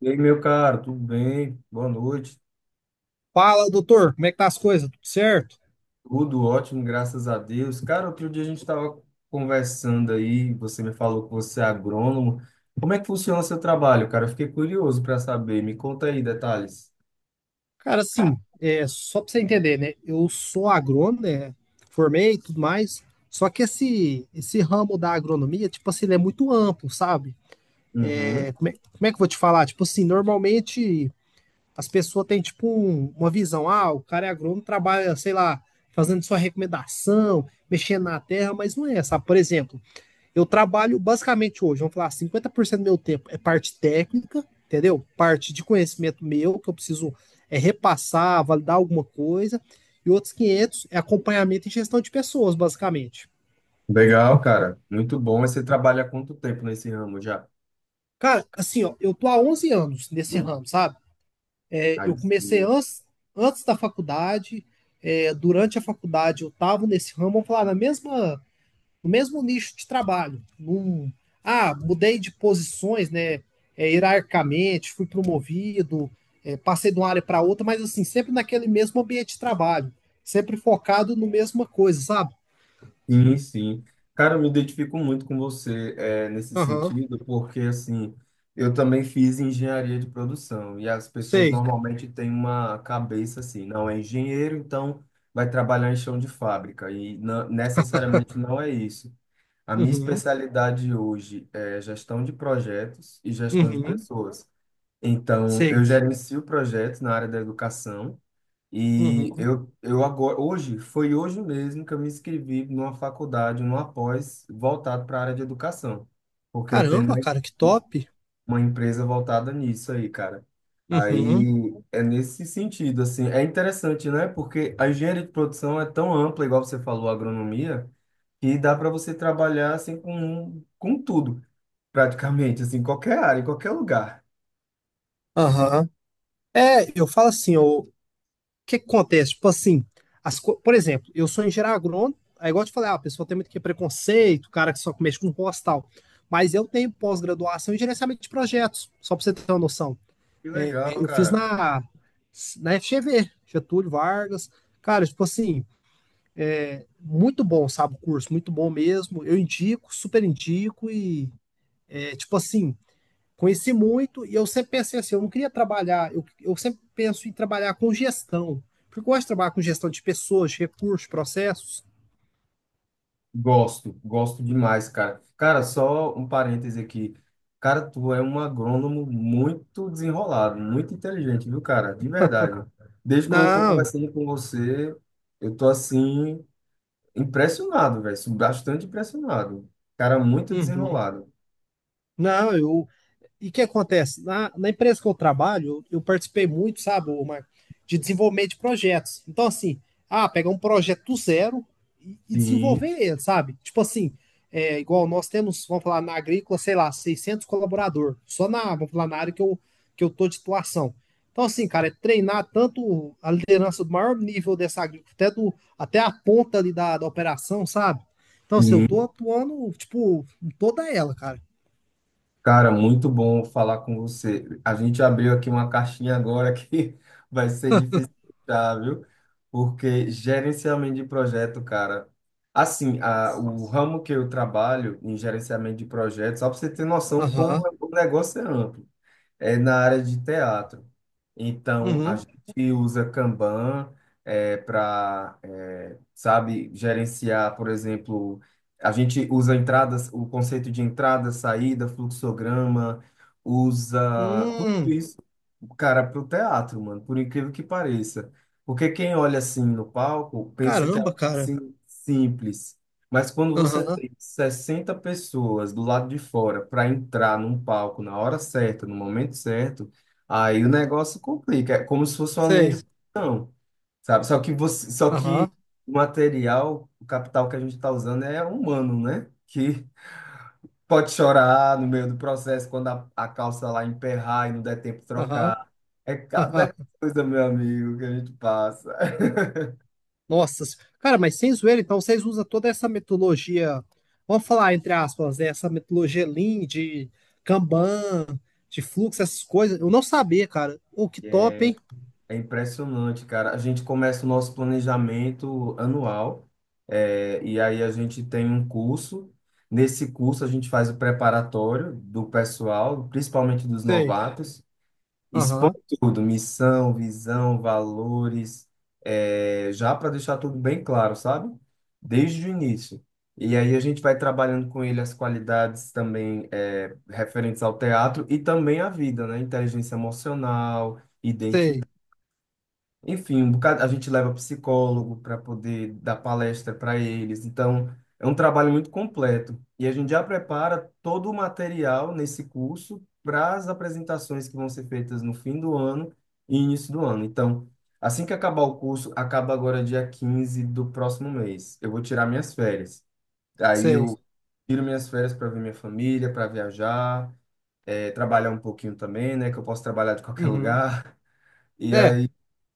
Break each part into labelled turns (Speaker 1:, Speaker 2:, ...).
Speaker 1: E aí, meu caro, tudo bem? Boa noite.
Speaker 2: Fala, doutor, como é que tá as coisas? Tudo certo?
Speaker 1: Tudo ótimo, graças a Deus. Cara, outro dia a gente estava conversando aí, você me falou que você é agrônomo. Como é que funciona o seu trabalho, cara? Eu fiquei curioso para saber. Me conta aí detalhes.
Speaker 2: Cara, assim, só pra você entender, né? Eu sou agrônomo, né? Formei e tudo mais. Só que esse ramo da agronomia, tipo assim, ele é muito amplo, sabe? É,
Speaker 1: Uhum.
Speaker 2: como é, como é que eu vou te falar? Tipo assim, normalmente as pessoas têm, tipo, uma visão. Ah, o cara é agrônomo, trabalha, sei lá, fazendo sua recomendação, mexendo na terra, mas não é, sabe? Por exemplo, eu trabalho basicamente hoje, vamos falar, 50% do meu tempo é parte técnica, entendeu? Parte de conhecimento meu, que eu preciso repassar, validar alguma coisa, e outros 500 é acompanhamento e gestão de pessoas, basicamente.
Speaker 1: Legal, cara. Muito bom. Mas você trabalha há quanto tempo nesse ramo já?
Speaker 2: Cara, assim, ó, eu tô há 11 anos nesse ramo, sabe? Eu
Speaker 1: Aí
Speaker 2: comecei
Speaker 1: sim.
Speaker 2: antes da faculdade, durante a faculdade eu tava nesse ramo, vamos falar, na mesma no mesmo nicho de trabalho. Mudei de posições, né? Hierarquicamente, fui promovido, passei de uma área para outra, mas assim, sempre naquele mesmo ambiente de trabalho, sempre focado no mesma coisa, sabe?
Speaker 1: Sim, sim. Cara, eu me identifico muito com você nesse
Speaker 2: Aham,
Speaker 1: sentido, porque assim, eu também fiz engenharia de produção e as pessoas
Speaker 2: sei.
Speaker 1: normalmente têm uma cabeça assim, não é engenheiro, então vai trabalhar em chão de fábrica e não, necessariamente não é isso. A minha
Speaker 2: Uhum,
Speaker 1: especialidade hoje é gestão de projetos e gestão de
Speaker 2: uhum,
Speaker 1: pessoas. Então,
Speaker 2: sei.
Speaker 1: eu gerencio projetos na área da educação. E
Speaker 2: Uhum.
Speaker 1: eu agora, hoje, foi hoje mesmo que eu me inscrevi numa faculdade, numa pós, voltado para a área de educação, porque eu tenho
Speaker 2: Caramba, cara, que
Speaker 1: uma,
Speaker 2: top.
Speaker 1: uma empresa voltada nisso aí, cara.
Speaker 2: Uhum,
Speaker 1: Aí é nesse sentido, assim, é interessante, né? Porque a engenharia de produção é tão ampla, igual você falou, a agronomia, que dá para você trabalhar assim com tudo, praticamente, assim, em qualquer área, em qualquer lugar.
Speaker 2: aham. Eu falo assim, ô, que acontece? Tipo assim, por exemplo, eu sou engenheiro agrônomo, é igual eu te falei, ah, a pessoa tem muito que é preconceito, o cara que só mexe com roça e tal. Mas eu tenho pós-graduação em gerenciamento de projetos, só para você ter uma noção.
Speaker 1: Que legal,
Speaker 2: Eu fiz
Speaker 1: cara.
Speaker 2: na FGV, Getúlio Vargas. Cara, tipo assim, muito bom, sabe, o curso, muito bom mesmo. Eu indico, super indico e, tipo assim, conheci muito e eu sempre pensei assim, eu não queria trabalhar, eu sempre penso em trabalhar com gestão, porque eu gosto de trabalhar com gestão de pessoas, recursos, processos.
Speaker 1: Gosto, gosto demais, cara. Cara, só um parêntese aqui. Cara, tu é um agrônomo muito desenrolado, muito inteligente, viu, cara? De verdade. Desde quando eu tô
Speaker 2: Não,
Speaker 1: conversando com você, eu tô assim, impressionado, velho. Bastante impressionado. Cara, muito
Speaker 2: uhum.
Speaker 1: desenrolado.
Speaker 2: Não, e o que acontece? Na empresa que eu trabalho, eu participei muito, sabe, Marco, de desenvolvimento de projetos. Então, assim, ah, pegar um projeto do zero e desenvolver
Speaker 1: Sim,
Speaker 2: ele, sabe? Tipo assim, igual nós temos, vamos falar, na agrícola, sei lá, 600 colaborador, só na, vamos falar, na área que eu tô de titulação. Então, assim, cara, é treinar tanto a liderança do maior nível dessa agrícola, até, até a ponta ali da operação, sabe? Então, assim, eu tô
Speaker 1: sim.
Speaker 2: atuando, tipo, em toda ela, cara.
Speaker 1: Cara, muito bom falar com você. A gente abriu aqui uma caixinha agora que vai ser difícil fechar, viu? Porque gerenciamento de projeto, cara. Assim, a,
Speaker 2: Nossa.
Speaker 1: o ramo que eu trabalho em gerenciamento de projetos, só para você ter noção como
Speaker 2: Aham.
Speaker 1: é, o negócio é amplo é na área de teatro. Então, a
Speaker 2: Uhum.
Speaker 1: gente usa Kanban para, sabe, gerenciar, por exemplo, a gente usa entradas, o conceito de entrada, saída, fluxograma, usa tudo
Speaker 2: Hum,
Speaker 1: isso, cara, para o teatro, mano, por incrível que pareça. Porque quem olha assim no palco pensa que é
Speaker 2: caramba,
Speaker 1: algo
Speaker 2: cara.
Speaker 1: assim simples. Mas quando você
Speaker 2: Aham,
Speaker 1: 60 pessoas do lado de fora para entrar num palco na hora certa, no momento certo, aí o negócio complica. É como se fosse uma linha
Speaker 2: sei.
Speaker 1: de produção, sabe? Só que você, só que
Speaker 2: Aham,
Speaker 1: o material, o capital que a gente está usando é humano, né? Que pode chorar no meio do processo quando a calça lá emperrar e não der tempo de
Speaker 2: aham.
Speaker 1: trocar. É cada coisa, meu amigo, que a gente passa.
Speaker 2: Nossa, cara, mas sem zoeira, então vocês usam toda essa metodologia, vamos falar entre aspas, né, essa metodologia Lean, de Kanban, de fluxo, essas coisas. Eu não sabia, cara. O que top, hein?
Speaker 1: É impressionante, cara. A gente começa o nosso planejamento anual, e aí a gente tem um curso. Nesse curso, a gente faz o preparatório do pessoal, principalmente dos
Speaker 2: Sei.
Speaker 1: novatos, expõe
Speaker 2: Aham,
Speaker 1: tudo: missão, visão, valores, é, já para deixar tudo bem claro, sabe? Desde o início. E aí a gente vai trabalhando com ele as qualidades também é, referentes ao teatro e também à vida, né? Inteligência emocional
Speaker 2: sei,
Speaker 1: enfim, um bocado, a gente leva psicólogo para poder dar palestra para eles. Então, é um trabalho muito completo. E a gente já prepara todo o material nesse curso para as apresentações que vão ser feitas no fim do ano e início do ano. Então, assim que acabar o curso, acaba agora dia 15 do próximo mês. Eu vou tirar minhas férias. Aí
Speaker 2: sei.
Speaker 1: eu tiro minhas férias para ver minha família, para viajar, trabalhar um pouquinho também, né? Que eu posso trabalhar de qualquer
Speaker 2: Uhum.
Speaker 1: lugar. E
Speaker 2: É,
Speaker 1: aí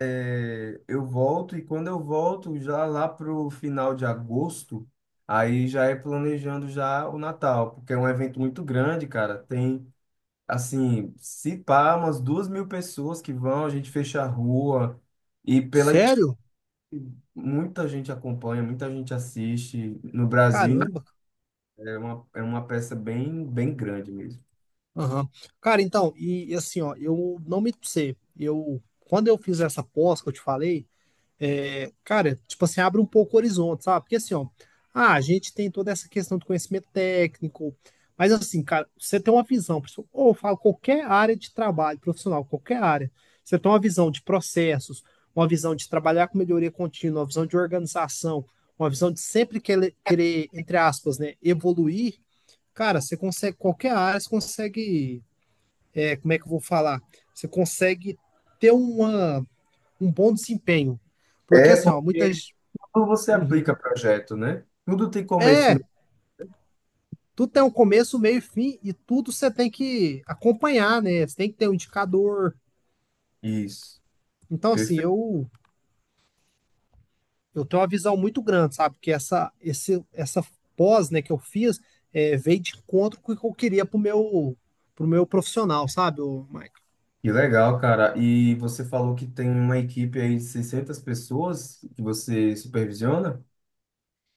Speaker 1: é, eu volto e quando eu volto já lá pro final de agosto, aí já é planejando já o Natal, porque é um evento muito grande, cara. Tem assim, se pá, umas 2.000 pessoas que vão, a gente fecha a rua e pela
Speaker 2: sério?
Speaker 1: muita gente acompanha, muita gente assiste no Brasil. Né?
Speaker 2: Caramba.
Speaker 1: É uma peça bem, bem grande mesmo.
Speaker 2: Aham. Cara, então, e assim, ó, eu não me sei. Eu, quando eu fiz essa pós que eu te falei, cara, tipo assim, abre um pouco o horizonte, sabe? Porque assim, ó, ah, a gente tem toda essa questão do conhecimento técnico, mas assim, cara, você tem uma visão, pessoal, ou eu falo qualquer área de trabalho profissional, qualquer área, você tem uma visão de processos, uma visão de trabalhar com melhoria contínua, uma visão de organização, uma visão de sempre querer, querer entre aspas, né, evoluir, cara, você consegue, qualquer área, você consegue, como é que eu vou falar? Você consegue ter uma um bom desempenho. Porque
Speaker 1: É
Speaker 2: assim, ó,
Speaker 1: porque
Speaker 2: muitas.
Speaker 1: quando você aplica
Speaker 2: Uhum.
Speaker 1: projeto, né? Tudo tem começo.
Speaker 2: É,
Speaker 1: E
Speaker 2: tudo tem um começo, meio e fim, e tudo você tem que acompanhar, né? Você tem que ter um indicador.
Speaker 1: meio. Isso.
Speaker 2: Então, assim,
Speaker 1: Perfeito.
Speaker 2: eu tenho uma visão muito grande, sabe? Porque essa pós, né, que eu fiz, veio de encontro com o que eu queria pro meu profissional, sabe?
Speaker 1: Que legal, cara. E você falou que tem uma equipe aí de 600 pessoas que você supervisiona?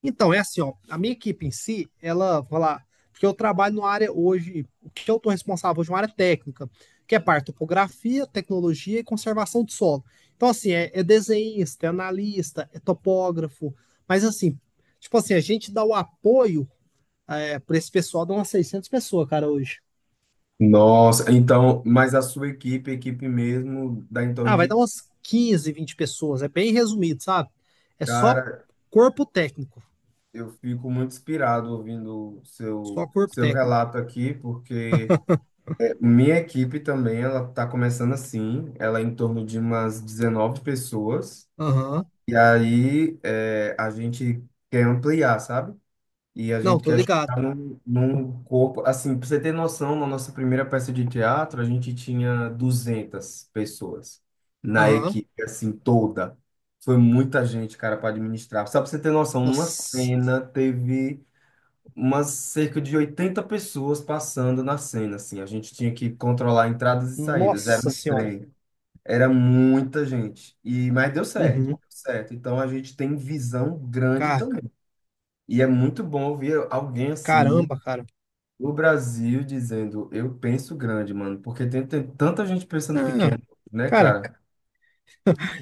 Speaker 2: Então, é assim, ó, a minha equipe em si, ela, vou lá, porque eu trabalho numa área hoje, o que eu estou responsável hoje é uma área técnica, que é parte de topografia, tecnologia e conservação de solo. Então, assim, é desenhista, é analista, é topógrafo, mas assim, tipo assim, a gente dá o apoio para esse pessoal, dá umas 600 pessoas, cara, hoje.
Speaker 1: Nossa, então, mas a sua equipe, a equipe mesmo, dá em torno
Speaker 2: Ah, vai
Speaker 1: de.
Speaker 2: dar umas 15, 20 pessoas, é bem resumido, sabe? É só
Speaker 1: Cara,
Speaker 2: corpo técnico,
Speaker 1: eu fico muito inspirado ouvindo o
Speaker 2: só
Speaker 1: seu,
Speaker 2: corpo
Speaker 1: seu
Speaker 2: técnico.
Speaker 1: relato aqui, porque minha equipe também, ela tá começando assim, ela é em torno de umas 19 pessoas,
Speaker 2: Aham,
Speaker 1: e aí é, a gente quer ampliar, sabe? E a
Speaker 2: não,
Speaker 1: gente
Speaker 2: tô
Speaker 1: quer
Speaker 2: ligado.
Speaker 1: chegar num, num corpo. Assim, para você ter noção, na nossa primeira peça de teatro, a gente tinha 200 pessoas na
Speaker 2: Aham,
Speaker 1: equipe, assim, toda. Foi muita gente, cara, para administrar. Só para você ter noção, numa
Speaker 2: nossa.
Speaker 1: cena teve umas cerca de 80 pessoas passando na cena, assim. A gente tinha que controlar entradas e saídas. Era
Speaker 2: Nossa
Speaker 1: um
Speaker 2: senhora.
Speaker 1: trem. Era muita gente. E, mas deu certo,
Speaker 2: Uhum.
Speaker 1: deu certo. Então a gente tem visão grande
Speaker 2: Ca-
Speaker 1: também. E é muito bom ouvir alguém assim
Speaker 2: Caramba, cara.
Speaker 1: o Brasil dizendo, eu penso grande, mano, porque tem, tem tanta gente pensando
Speaker 2: Ah,
Speaker 1: pequeno, né,
Speaker 2: cara,
Speaker 1: cara?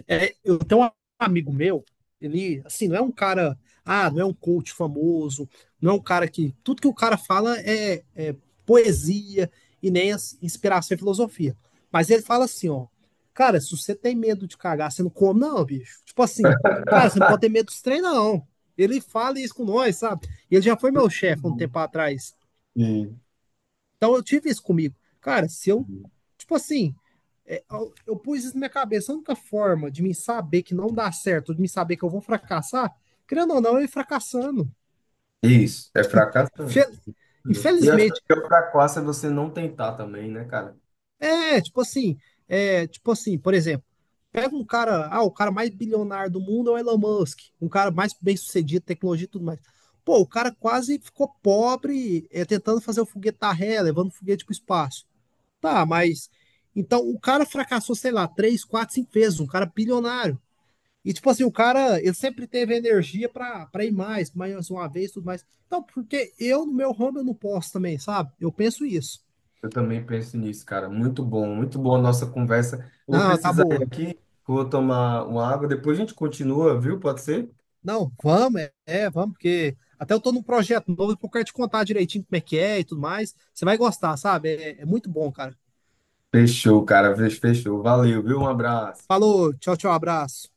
Speaker 2: eu tenho um amigo meu, ele, assim, não é um cara, ah, não é um coach famoso, não é um cara que, tudo que o cara fala é poesia e nem inspiração e filosofia. Mas ele fala assim, ó, cara, se você tem medo de cagar, você não come não, bicho. Tipo assim, cara, você não pode ter medo dos treinos, não. Ele fala isso com nós, sabe? Ele já foi meu
Speaker 1: Muito
Speaker 2: chefe um
Speaker 1: bom.
Speaker 2: tempo atrás.
Speaker 1: Sim,
Speaker 2: Então eu tive isso comigo. Cara, se eu,
Speaker 1: sim.
Speaker 2: tipo assim, eu pus isso na minha cabeça, a única forma de me saber que não dá certo, de me saber que eu vou fracassar, querendo ou não, eu ia fracassando.
Speaker 1: Isso, é fracassando. E eu acho que o
Speaker 2: Infelizmente,
Speaker 1: pior fracasso é você não tentar também, né, cara?
Speaker 2: tipo assim, tipo assim, por exemplo, pega um cara, ah, o cara mais bilionário do mundo é o Elon Musk, um cara mais bem-sucedido, tecnologia e tudo mais. Pô, o cara quase ficou pobre tentando fazer o foguete da ré, levando o foguete para o espaço. Tá, mas. Então, o cara fracassou, sei lá, três, quatro, cinco vezes, um cara bilionário. E, tipo assim, o cara, ele sempre teve energia pra ir mais, mais uma vez, tudo mais. Então, porque eu, no meu ramo, eu não posso também, sabe? Eu penso isso.
Speaker 1: Eu também penso nisso, cara. Muito bom, muito boa a nossa conversa. Eu vou
Speaker 2: Não, tá
Speaker 1: precisar ir
Speaker 2: boa.
Speaker 1: aqui, vou tomar uma água, depois a gente continua, viu? Pode ser?
Speaker 2: Não, vamos, vamos, porque até eu tô num projeto novo, eu quero te contar direitinho como é que é e tudo mais. Você vai gostar, sabe? É muito bom, cara.
Speaker 1: Fechou, cara, fechou. Valeu, viu? Um abraço.
Speaker 2: Falou, tchau, tchau, abraço.